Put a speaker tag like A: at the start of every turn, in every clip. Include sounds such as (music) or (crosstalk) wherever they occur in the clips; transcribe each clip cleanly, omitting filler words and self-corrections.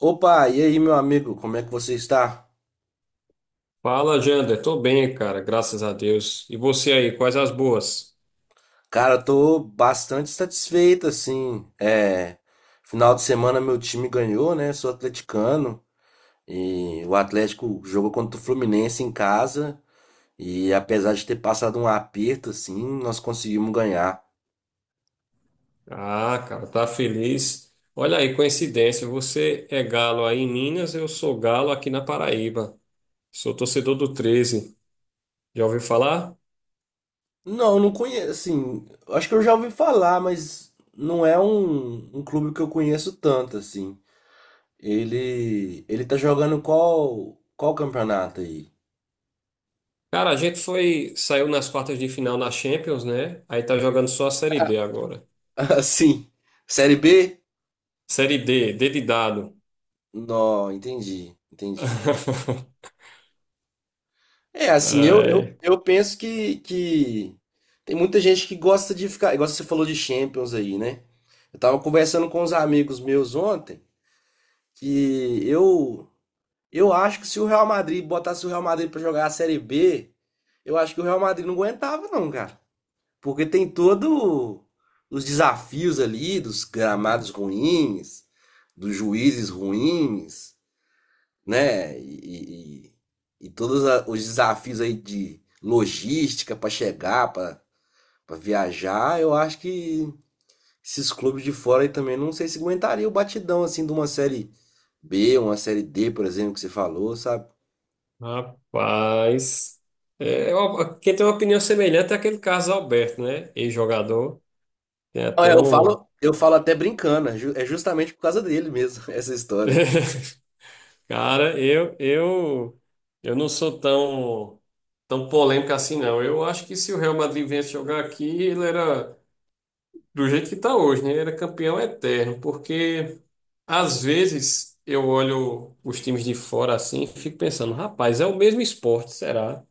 A: Opa, e aí, meu amigo, como é que você está?
B: Fala, Jander. Tô bem, cara, graças a Deus. E você aí, quais as boas?
A: Cara, eu tô bastante satisfeito, assim. Final de semana meu time ganhou, né? Sou atleticano e o Atlético jogou contra o Fluminense em casa e apesar de ter passado um aperto, assim, nós conseguimos ganhar.
B: Ah, cara, tá feliz. Olha aí, coincidência, você é galo aí em Minas, eu sou galo aqui na Paraíba. Sou torcedor do Treze. Já ouviu falar?
A: Não, não conheço, assim, eu acho que eu já ouvi falar, mas não é um clube que eu conheço tanto, assim. Ele tá jogando qual campeonato aí?
B: Cara, a gente foi, saiu nas quartas de final na Champions, né? Aí tá jogando só a Série D agora.
A: (laughs) Assim, Série B?
B: Série D, D de dado.
A: Não, entendi, entendi.
B: (laughs)
A: É, assim, eu, eu,
B: Ai,
A: eu penso que tem muita gente que gosta de ficar, igual você falou de Champions aí, né? Eu tava conversando com uns amigos meus ontem que eu acho que se o Real Madrid botasse o Real Madrid pra jogar a Série B, eu acho que o Real Madrid não aguentava não, cara. Porque tem todo os desafios ali dos gramados ruins, dos juízes ruins, né? E os desafios aí de logística para chegar, para viajar, eu acho que esses clubes de fora aí também não sei se aguentaria o batidão assim de uma série B, uma série D, por exemplo, que você falou, sabe?
B: rapaz. É, quem tem uma opinião semelhante é aquele Carlos Alberto, né? Ex-jogador. Tem
A: É,
B: até
A: eu
B: um.
A: falo, eu falo até brincando, é justamente por causa dele mesmo, (laughs) essa história.
B: (laughs) Cara, eu não sou tão polêmico assim, não. Eu acho que se o Real Madrid viesse jogar aqui, ele era do jeito que está hoje, né? Ele era campeão eterno, porque às vezes eu olho os times de fora assim e fico pensando, rapaz, é o mesmo esporte, será?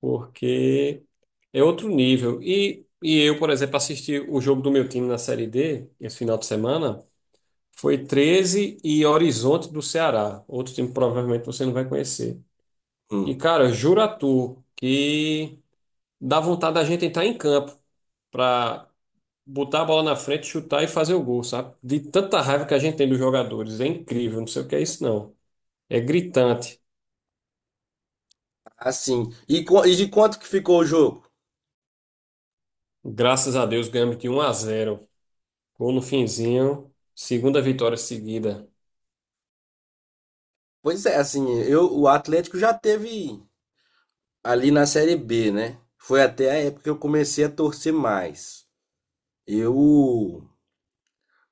B: Porque é outro nível. Eu, por exemplo, assisti o jogo do meu time na Série D esse final de semana. Foi treze e Horizonte do Ceará. Outro time que provavelmente você não vai conhecer. E,
A: Hum.
B: cara, juro tu que dá vontade da gente entrar em campo pra botar a bola na frente, chutar e fazer o gol, sabe? De tanta raiva que a gente tem dos jogadores. É incrível, não sei o que é isso, não. É gritante.
A: Assim, e de quanto que ficou o jogo?
B: Graças a Deus ganhamos de um a zero. Gol no finzinho. Segunda vitória seguida.
A: Pois é, assim, eu, o Atlético já teve ali na Série B, né? Foi até a época que eu comecei a torcer mais. Eu.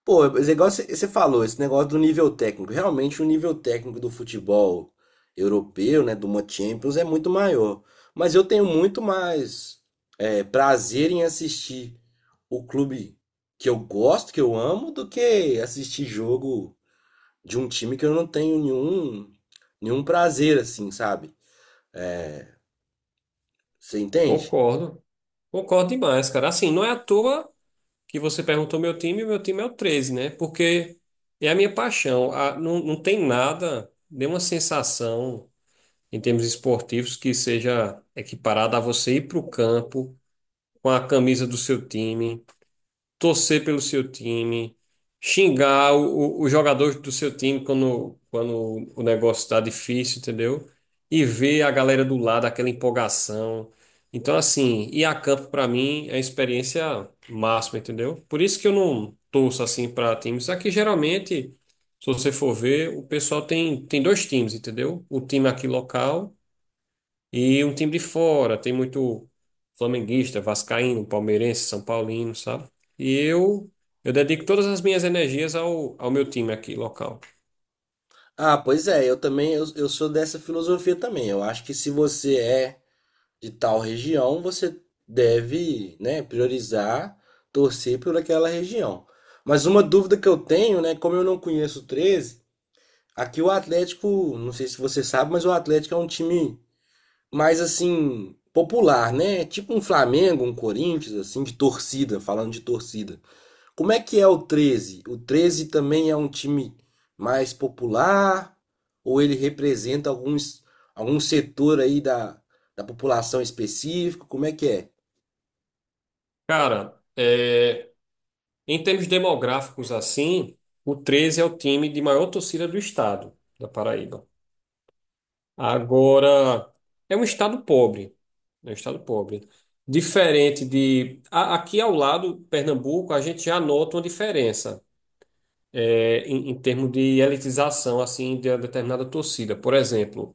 A: Pô, mas é igual você falou, esse negócio do nível técnico. Realmente, o nível técnico do futebol europeu, né? Do uma Champions é muito maior. Mas eu tenho muito mais prazer em assistir o clube que eu gosto, que eu amo, do que assistir jogo de um time que eu não tenho nenhum prazer, assim, sabe? Você entende?
B: Concordo. Concordo demais, cara. Assim, não é à toa que você perguntou meu time, e o meu time é o treze, né? Porque é a minha paixão. Não, não tem nada, nenhuma sensação em termos esportivos que seja equiparada a você ir para o campo com a camisa do seu time, torcer pelo seu time, xingar os jogadores do seu time quando o negócio está difícil, entendeu? E ver a galera do lado, aquela empolgação. Então, assim, ir a campo para mim é a experiência máxima, entendeu? Por isso que eu não torço assim para times. Aqui geralmente, se você for ver, o pessoal tem dois times, entendeu? O time aqui local. E um time de fora, tem muito flamenguista, vascaíno, palmeirense, são paulino, sabe? E eu eu dedico todas as minhas energias ao meu time aqui, local.
A: Ah, pois é, eu também, eu sou dessa filosofia também. Eu acho que se você é de tal região, você deve, né, priorizar, torcer por aquela região. Mas uma dúvida que eu tenho, né, como eu não conheço o 13, aqui o Atlético, não sei se você sabe, mas o Atlético é um time mais assim popular, né? Tipo um Flamengo, um Corinthians, assim, de torcida, falando de torcida. Como é que é o 13? O 13 também é um time mais popular ou ele representa alguns, algum setor aí da população específico? Como é que é?
B: Cara, é, em termos demográficos assim, o treze é o time de maior torcida do estado, da Paraíba. Agora, é um estado pobre, é um estado pobre. Diferente de... Aqui ao lado, Pernambuco, a gente já nota uma diferença. É, em termos de elitização assim de uma determinada torcida. Por exemplo,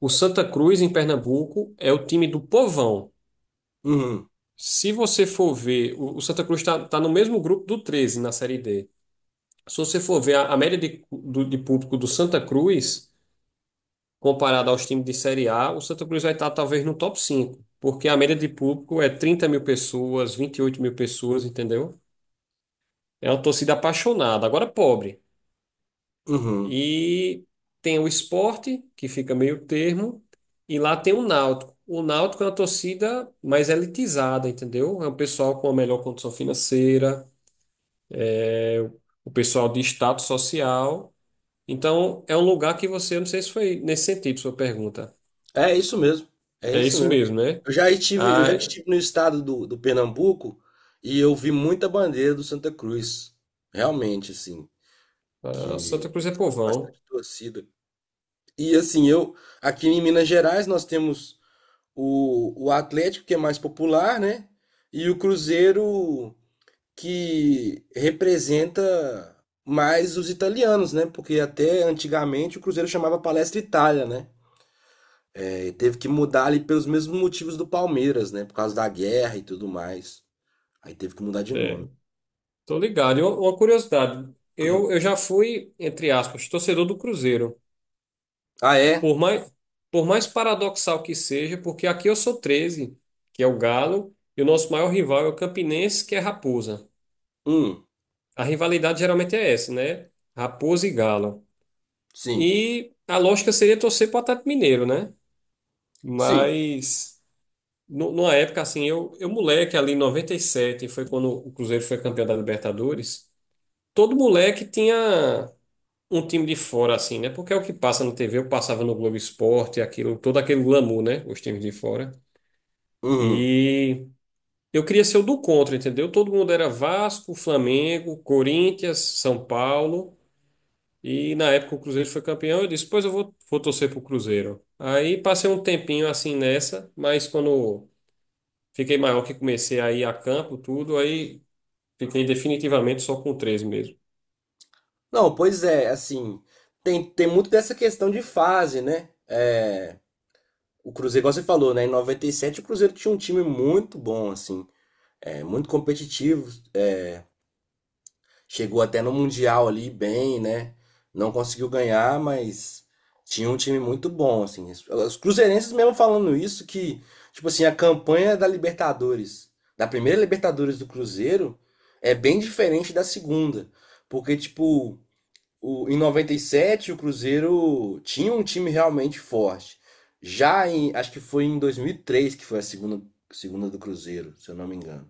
B: o Santa Cruz em Pernambuco é o time do povão.
A: Uhum,
B: Se você for ver, o Santa Cruz está no mesmo grupo do Treze na Série D. Se você for ver a média de público do Santa Cruz comparada aos times de Série A, o Santa Cruz vai estar talvez no top 5, porque a média de público é 30 mil pessoas, 28 mil pessoas, entendeu? É uma torcida apaixonada, agora pobre.
A: uhum.
B: E tem o esporte, que fica meio termo, e lá tem o Náutico. O Náutico é uma torcida mais elitizada, entendeu? É um pessoal com a melhor condição financeira, é o pessoal de status social. Então, é um lugar que você, eu não sei se foi nesse sentido sua pergunta.
A: É isso mesmo. É
B: É
A: isso
B: isso
A: mesmo.
B: mesmo, né?
A: Eu já
B: A,
A: estive no estado do Pernambuco e eu vi muita bandeira do Santa Cruz. Realmente, assim,
B: a Santa
A: que
B: Cruz é
A: eles têm
B: povão.
A: bastante torcida. E assim, eu aqui em Minas Gerais nós temos o Atlético, que é mais popular, né? E o Cruzeiro, que representa mais os italianos, né? Porque até antigamente o Cruzeiro chamava Palestra Itália, né? É, e teve que mudar ali pelos mesmos motivos do Palmeiras, né? Por causa da guerra e tudo mais. Aí teve que mudar de nome.
B: É, tô ligado. E uma curiosidade, eu já fui, entre aspas, torcedor do Cruzeiro.
A: Ah, é?
B: Por mais, por mais paradoxal que seja, porque aqui eu sou treze, que é o Galo, e o nosso maior rival é o Campinense, que é Raposa.
A: Hum,
B: A rivalidade geralmente é essa, né? Raposa e Galo.
A: sim.
B: E a lógica seria torcer para o Atlético Mineiro, né?
A: Sim.
B: Mas numa época assim, eu moleque ali em noventa e sete, foi quando o Cruzeiro foi campeão da Libertadores, todo moleque tinha um time de fora assim, né? Porque é o que passa na TV, eu passava no Globo Esporte, aquilo, todo aquele glamour, né? Os times de fora.
A: Uhum.
B: E eu queria ser o do contra, entendeu? Todo mundo era Vasco, Flamengo, Corinthians, São Paulo. E na época o Cruzeiro foi campeão. Eu disse, pois eu vou, vou torcer pro Cruzeiro. Aí passei um tempinho assim nessa, mas quando fiquei maior, que comecei a ir a campo, tudo, aí fiquei definitivamente só com três mesmo.
A: Não, pois é, assim, tem muito dessa questão de fase, né? É, o Cruzeiro, igual você falou, né? Em 97 o Cruzeiro tinha um time muito bom, assim, muito competitivo. Chegou até no Mundial ali bem, né? Não conseguiu ganhar, mas tinha um time muito bom, assim. Os cruzeirenses mesmo falando isso, que, tipo assim, a campanha da Libertadores, da primeira Libertadores do Cruzeiro, é bem diferente da segunda. Porque, tipo, em 97, o Cruzeiro tinha um time realmente forte. Acho que foi em 2003 que foi a segunda do Cruzeiro, se eu não me engano.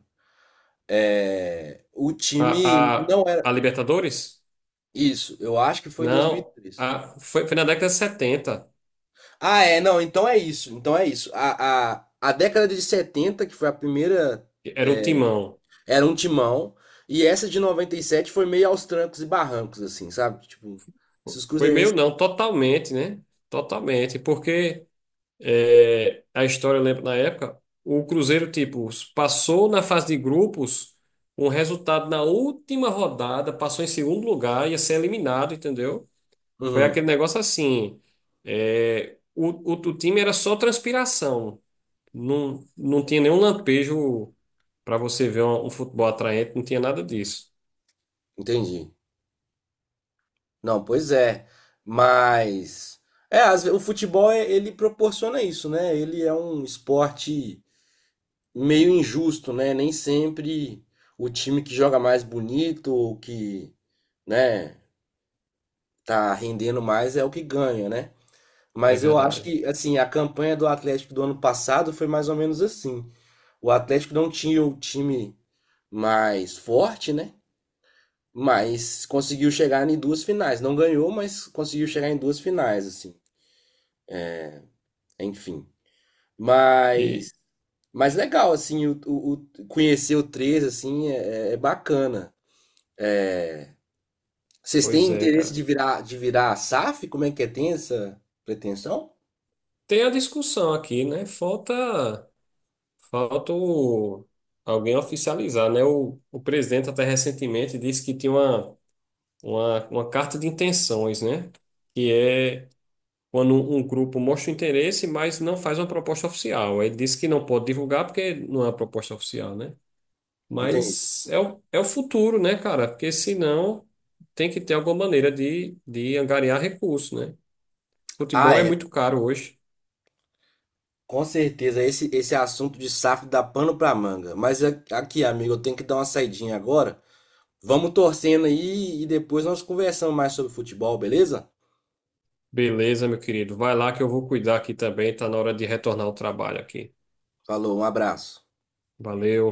A: É, o time não era
B: A Libertadores?
A: isso, eu acho que foi em
B: Não.
A: 2003.
B: A, foi na década de setenta.
A: Ah, é, não, então é isso, então é isso. A década de 70, que foi a primeira,
B: Era um Timão.
A: era um timão, e essa de 97 foi meio aos trancos e barrancos, assim, sabe? Tipo, esses
B: Foi
A: cruzeirenses.
B: meu, não, totalmente, né? Totalmente. Porque. É, a história, eu lembro na época, o Cruzeiro, tipo, passou na fase de grupos com resultado na última rodada, passou em segundo lugar, ia ser eliminado, entendeu? Foi
A: Uhum,
B: aquele negócio assim. É, o time era só transpiração. Não, não tinha nenhum lampejo para você ver um futebol atraente, não tinha nada disso.
A: entendi. Não, pois é. Mas o futebol ele proporciona isso, né? Ele é um esporte meio injusto, né? Nem sempre o time que joga mais bonito, ou que, né, tá rendendo mais é o que ganha, né?
B: É
A: Mas eu acho
B: verdade.
A: que assim, a campanha do Atlético do ano passado foi mais ou menos assim. O Atlético não tinha o time mais forte, né? Mas conseguiu chegar em duas finais. Não ganhou, mas conseguiu chegar em duas finais, assim. Enfim.
B: E,
A: Mas, mas legal, assim, conhecer o 3 assim, é bacana. Vocês
B: pois
A: têm
B: é,
A: interesse
B: cara.
A: de virar S a SAF? Como é que é? Tem essa pretensão?
B: Tem a discussão aqui, né? Falta. Falta alguém oficializar, né? O presidente até recentemente disse que tinha uma, uma carta de intenções, né? Que é quando um grupo mostra interesse, mas não faz uma proposta oficial. Ele disse que não pode divulgar porque não é uma proposta oficial, né?
A: Entende?
B: Mas é é o futuro, né, cara? Porque senão tem que ter alguma maneira de angariar recursos, né? Futebol
A: Ah,
B: é
A: é.
B: muito caro hoje.
A: Com certeza, esse assunto de SAF dá pano pra manga. Mas aqui, amigo, eu tenho que dar uma saidinha agora. Vamos torcendo aí e depois nós conversamos mais sobre futebol, beleza?
B: Beleza, meu querido. Vai lá que eu vou cuidar aqui também. Tá na hora de retornar ao trabalho aqui.
A: Falou, um abraço.
B: Valeu.